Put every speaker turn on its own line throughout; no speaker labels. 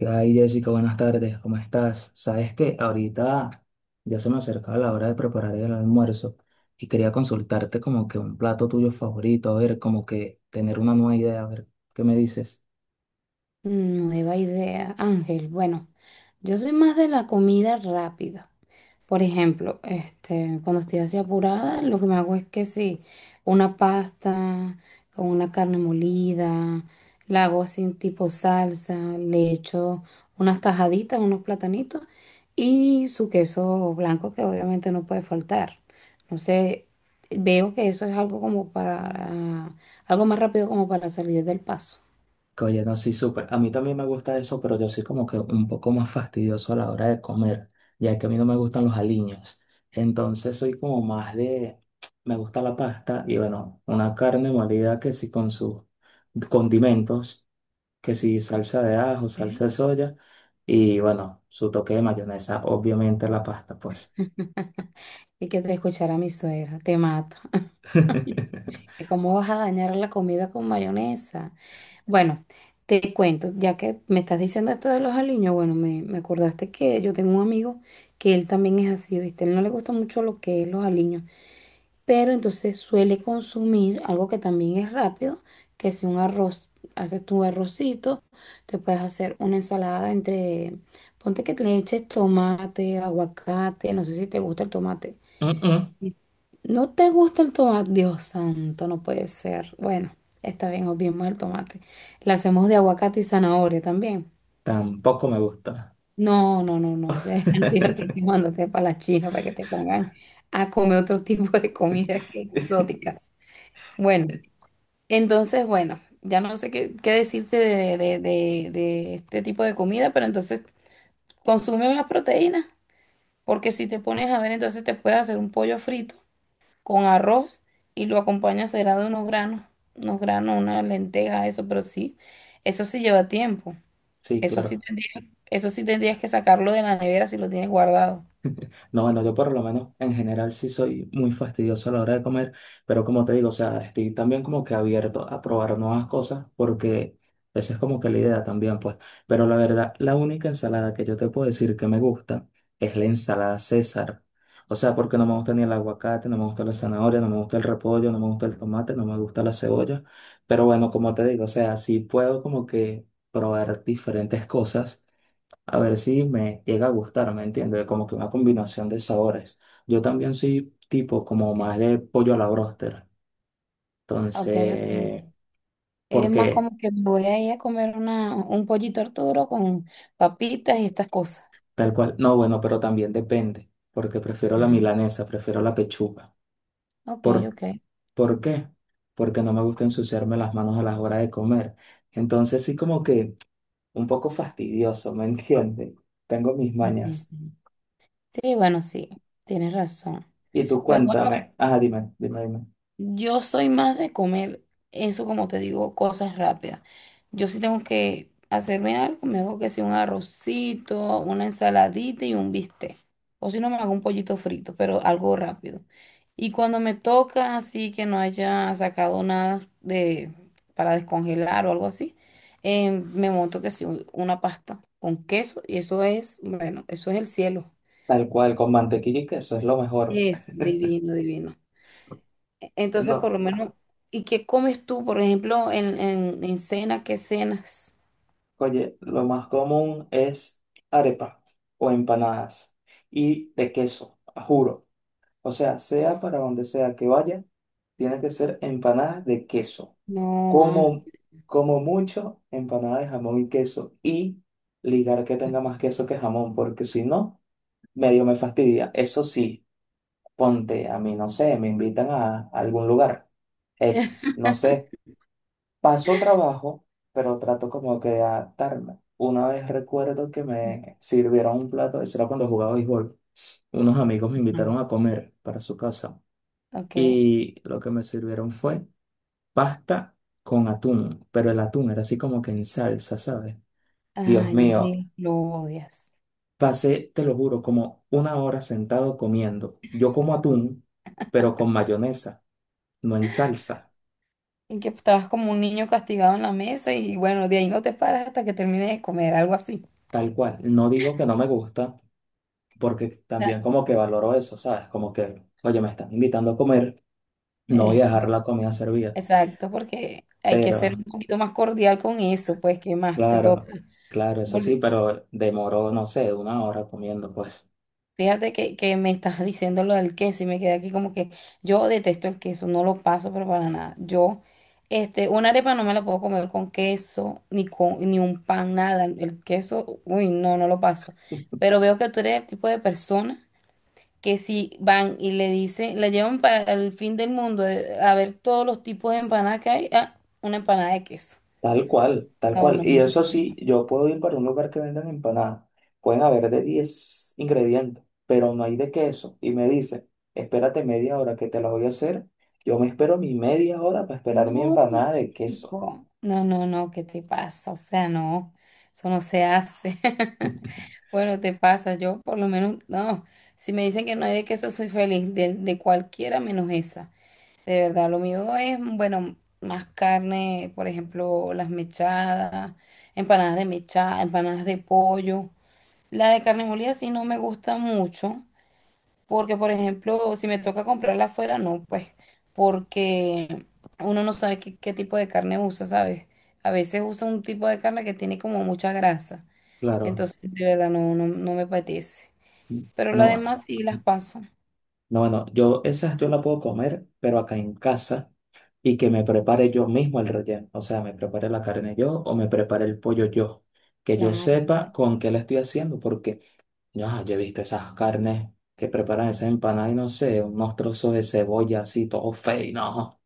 Ay, Jessica, buenas tardes, ¿cómo estás? Sabes que ahorita ya se me acercaba la hora de preparar el almuerzo y quería consultarte como que un plato tuyo favorito, a ver, como que tener una nueva idea, a ver, ¿qué me dices?
Nueva idea, Ángel. Bueno, yo soy más de la comida rápida. Por ejemplo, cuando estoy así apurada, lo que me hago es que sí, una pasta con una carne molida, la hago así en tipo salsa, le echo unas tajaditas, unos platanitos y su queso blanco que obviamente no puede faltar. No sé, veo que eso es algo como para, algo más rápido como para salir del paso.
Que oye, no, sí, súper. A mí también me gusta eso, pero yo soy como que un poco más fastidioso a la hora de comer, ya que a mí no me gustan los aliños. Entonces soy como más de, me gusta la pasta y bueno, una carne molida que sí con sus condimentos. Que si salsa de ajo, salsa de soya y bueno, su toque de mayonesa, obviamente la pasta, pues.
Y que te escuchara mi suegra, te mata. ¿Cómo vas a dañar la comida con mayonesa? Bueno, te cuento, ya que me estás diciendo esto de los aliños, bueno, me acordaste que yo tengo un amigo que él también es así, ¿viste? Él no le gusta mucho lo que es los aliños, pero entonces suele consumir algo que también es rápido, que es un arroz. Haces tu arrocito, te puedes hacer una ensalada entre, ponte que le eches tomate, aguacate, no sé si te gusta el tomate,
Mm, mm,
no te gusta el tomate, Dios santo, no puede ser. Bueno, está bien, obviemos el tomate. La hacemos de aguacate y zanahoria también.
tampoco me gusta.
No, no, no, no. Ya, digo que te mandaste para la China para que te pongan a comer otro tipo de comidas que exóticas. Bueno, entonces, bueno, ya no sé qué, qué decirte de este tipo de comida, pero entonces consume más proteínas, porque si te pones a ver, entonces te puedes hacer un pollo frito con arroz y lo acompaña será de unos granos, una lenteja, eso, pero sí, eso sí lleva tiempo.
Sí,
Eso sí
claro.
tendrías, eso sí tendrías que sacarlo de la nevera si lo tienes guardado.
No, bueno, yo por lo menos en general sí soy muy fastidioso a la hora de comer, pero como te digo, o sea, estoy también como que abierto a probar nuevas cosas porque esa es como que la idea también, pues. Pero la verdad, la única ensalada que yo te puedo decir que me gusta es la ensalada César. O sea, porque no me gusta ni el aguacate, no me gusta la zanahoria, no me gusta el repollo, no me gusta el tomate, no me gusta la cebolla. Pero bueno, como te digo, o sea, sí puedo como que probar diferentes cosas a ver si me llega a gustar, ¿me entiendes? Como que una combinación de sabores. Yo también soy tipo como
Ok,
más de pollo a la bróster.
ok, ok.
Entonces,
Eres más
porque
como que me voy a ir a comer una, un pollito Arturo con papitas y estas cosas.
tal cual, no, bueno, pero también depende, porque prefiero la
Ajá.
milanesa, prefiero la pechuga.
Ok,
¿Por,
ok.
por qué? Porque no me gusta ensuciarme las manos a las horas de comer. Entonces, sí como que un poco fastidioso, ¿me entiendes? Tengo mis
Y sí,
mañas.
sí. Sí, bueno, sí, tienes razón.
Y tú
Pero bueno,
cuéntame, ah, dime, dime, dime.
yo soy más de comer eso, como te digo, cosas rápidas. Yo sí tengo que hacerme algo, me hago que sea un arrocito, una ensaladita y un bistec. O si no, me hago un pollito frito, pero algo rápido. Y cuando me toca así que no haya sacado nada de para descongelar o algo así, me monto que sí, una pasta con queso y eso es, bueno, eso es el cielo.
Tal cual, con mantequilla y queso es lo mejor.
Es divino, divino. Entonces, por
No,
lo menos, ¿y qué comes tú, por ejemplo, en cena? ¿Qué cenas?
oye, lo más común es arepa o empanadas y de queso, juro. O sea, sea para donde sea que vaya, tiene que ser empanadas de queso.
No, ah.
Como, como mucho, empanadas de jamón y queso y ligar que tenga más queso que jamón, porque si no, medio me fastidia. Eso sí, ponte, a mí no sé, me invitan a algún lugar X, no sé, pasó trabajo, pero trato como que de adaptarme. Una vez recuerdo que me sirvieron un plato, eso era cuando jugaba béisbol. Unos amigos me invitaron
Ujú.
a comer para su casa
Ok.
y lo que me sirvieron fue pasta con atún, pero el atún era así como que en salsa, ¿sabes? Dios
Ay, no me
mío,
digas, lo odias.
pasé, te lo juro, como una hora sentado comiendo. Yo como atún, pero con mayonesa, no en salsa,
Y que estabas como un niño castigado en la mesa y bueno, de ahí no te paras hasta que termines de comer, algo así.
tal cual. No digo que no me gusta, porque
Ya,
también como que valoro eso, ¿sabes? Como que, oye, me están invitando a comer, no voy a dejar
es-
la comida servida,
exacto, porque hay que ser
pero
un poquito más cordial con eso, pues, ¿qué más te
claro,
toca?
claro, eso sí,
Volve-
pero demoró, no sé, una hora comiendo, pues.
Fíjate que me estás diciendo lo del queso y me quedé aquí como que yo detesto el queso, no lo paso, pero para nada. Yo, una arepa no me la puedo comer con queso, ni con, ni un pan, nada. El queso, uy, no, no lo paso. Pero veo que tú eres el tipo de persona que si van y le dicen, la llevan para el fin del mundo, a ver todos los tipos de empanadas que hay, ah, una empanada de queso.
Tal cual, tal
No,
cual.
no,
Y
no.
eso sí, yo puedo ir para un lugar que vendan empanadas. Pueden haber de 10 ingredientes, pero no hay de queso. Y me dice, espérate media hora que te la voy a hacer. Yo me espero mi media hora para esperar mi
No,
empanada de queso.
chico. No, no, no, ¿qué te pasa? O sea, no, eso no se hace. Bueno, te pasa, yo por lo menos, no, si me dicen que no hay de queso, soy feliz, de cualquiera menos esa. De verdad, lo mío es, bueno, más carne, por ejemplo, las mechadas, empanadas de mechada, empanadas de pollo. La de carne molida sí no me gusta mucho, porque, por ejemplo, si me toca comprarla afuera, no, pues, porque uno no sabe qué, qué tipo de carne usa, ¿sabes? A veces usa un tipo de carne que tiene como mucha grasa.
Claro,
Entonces, de verdad, no, no, no me apetece. Pero las
no.
demás sí las paso.
No, bueno, yo esas yo la puedo comer, pero acá en casa y que me prepare yo mismo el relleno. O sea, me prepare la carne yo o me prepare el pollo yo. Que yo
Claro,
sepa
claro.
con qué la estoy haciendo, porque ya, yo he visto esas carnes que preparan esas empanadas y no sé, unos trozos de cebolla así, todo feo, y no.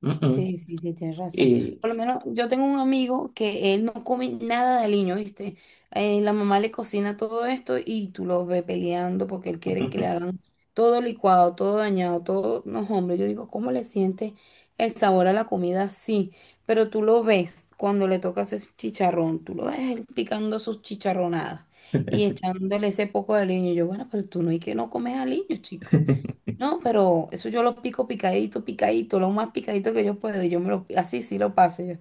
Mm, mm.
Sí, sí, sí, tienes razón.
Y
Por lo menos yo tengo un amigo que él no come nada de aliño, ¿viste? La mamá le cocina todo esto y tú lo ves peleando porque él quiere que le hagan todo licuado, todo dañado, todo. No, hombre, yo digo, ¿cómo le siente el sabor a la comida? Sí, pero tú lo ves cuando le tocas ese chicharrón, tú lo ves él picando sus chicharronadas y echándole ese poco de aliño. Yo, bueno, pero tú no hay que no comes aliño, chico. No, pero eso yo lo pico picadito, picadito, lo más picadito que yo puedo. Y yo me lo, así sí lo paso. Yo.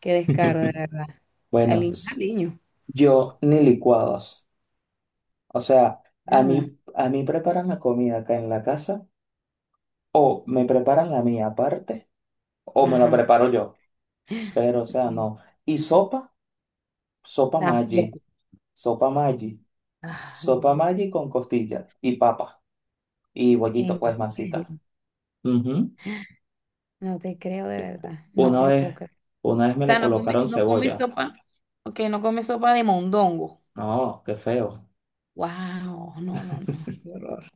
Qué descaro, de verdad.
bueno,
Al
s-
niño,
yo ni licuados. O sea, a
nada.
mí, a mí preparan la comida acá en la casa o me preparan la mía aparte, o me lo
Ajá.
preparo yo, pero o sea, no. Y sopa, sopa Maggi,
Tampoco.
sopa Maggi,
Ah,
sopa
no.
Maggi con costilla y papa y bollito,
En
pues
serio.
masita. Ujú.
No te creo de verdad. No
Una
te lo puedo
vez,
creer. O
una vez me
sea,
le colocaron
no comí
cebolla.
sopa. Ok, no comí sopa de mondongo.
No, qué feo.
Wow, no, no, no. Qué horror.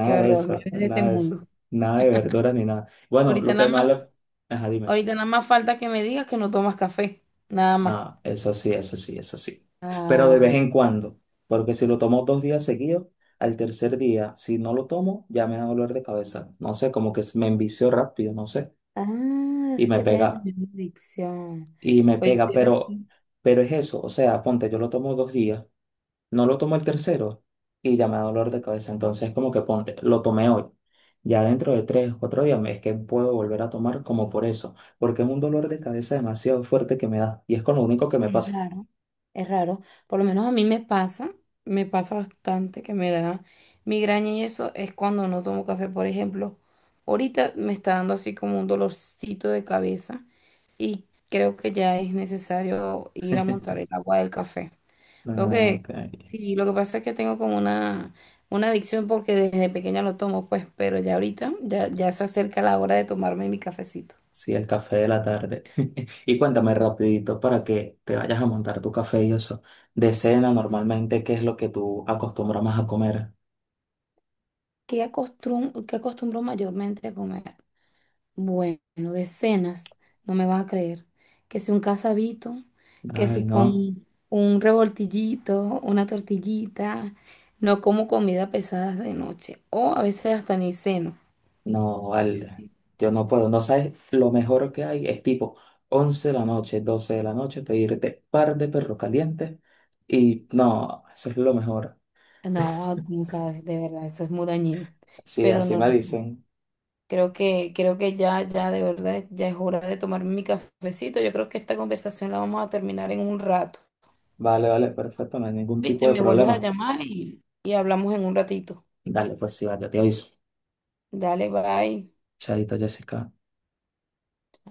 Qué
de
horror. No
eso,
eres de este
nada de eso,
mundo.
nada de verduras ni nada. Bueno,
Ahorita
lo que
nada
más
más,
le... Ajá, dime.
ahorita nada más falta que me digas que no tomas café. Nada más.
No, eso sí, eso sí, eso sí. Pero de vez
Ah.
en cuando, porque si lo tomo 2 días seguidos, al tercer día, si no lo tomo, ya me da dolor de cabeza. No sé, como que me envicio rápido, no sé,
Ah,
y
es
me
que
pega,
tienen la misma adicción.
y me
Pues yo
pega,
estoy
pero,
así.
pero es eso, o sea, ponte, yo lo tomo 2 días, no lo tomo el tercero y ya me da dolor de cabeza. Entonces, como que ponte, lo tomé hoy. Ya dentro de 3 o 4 días me- es que puedo volver a tomar como por eso, porque es un dolor de cabeza demasiado fuerte que me da y es con lo único que me
Es
pasa.
raro, es raro. Por lo menos a mí me pasa bastante que me da migraña y eso es cuando no tomo café, por ejemplo. Ahorita me está dando así como un dolorcito de cabeza y creo que ya es necesario ir a montar el agua del café. Lo
Ah,
que,
ok.
sí, lo que pasa es que tengo como una adicción porque desde pequeña lo tomo, pues, pero ya ahorita ya, ya se acerca la hora de tomarme mi cafecito.
Sí, el café de la tarde. Y cuéntame rapidito para que te vayas a montar tu café y eso. De cena, normalmente, ¿qué es lo que tú acostumbras más a comer?
Qué acostumbro mayormente a comer? Bueno, decenas, no me vas a creer. Que si un casabito, que
Ay,
si
no,
con un revoltillito, una tortillita, no como comida pesada de noche o a veces hasta ni ceno.
no, vale.
Sí.
Yo no puedo. No sabes, lo mejor que hay es tipo 11 de la noche, 12 de la noche, pedirte par de perros calientes y no, eso es lo mejor.
No, tú no sabes, de verdad, eso es muy dañino.
Sí,
Pero
así
no,
me dicen.
creo que ya, ya de verdad, ya es hora de tomarme mi cafecito. Yo creo que esta conversación la vamos a terminar en un rato.
Vale, vale, perfecto, no hay ningún
Viste,
tipo de
me vuelves a
problema.
llamar y hablamos en un ratito.
Dale, pues sí, vale, te aviso.
Dale, bye.
Chaito, Jessica.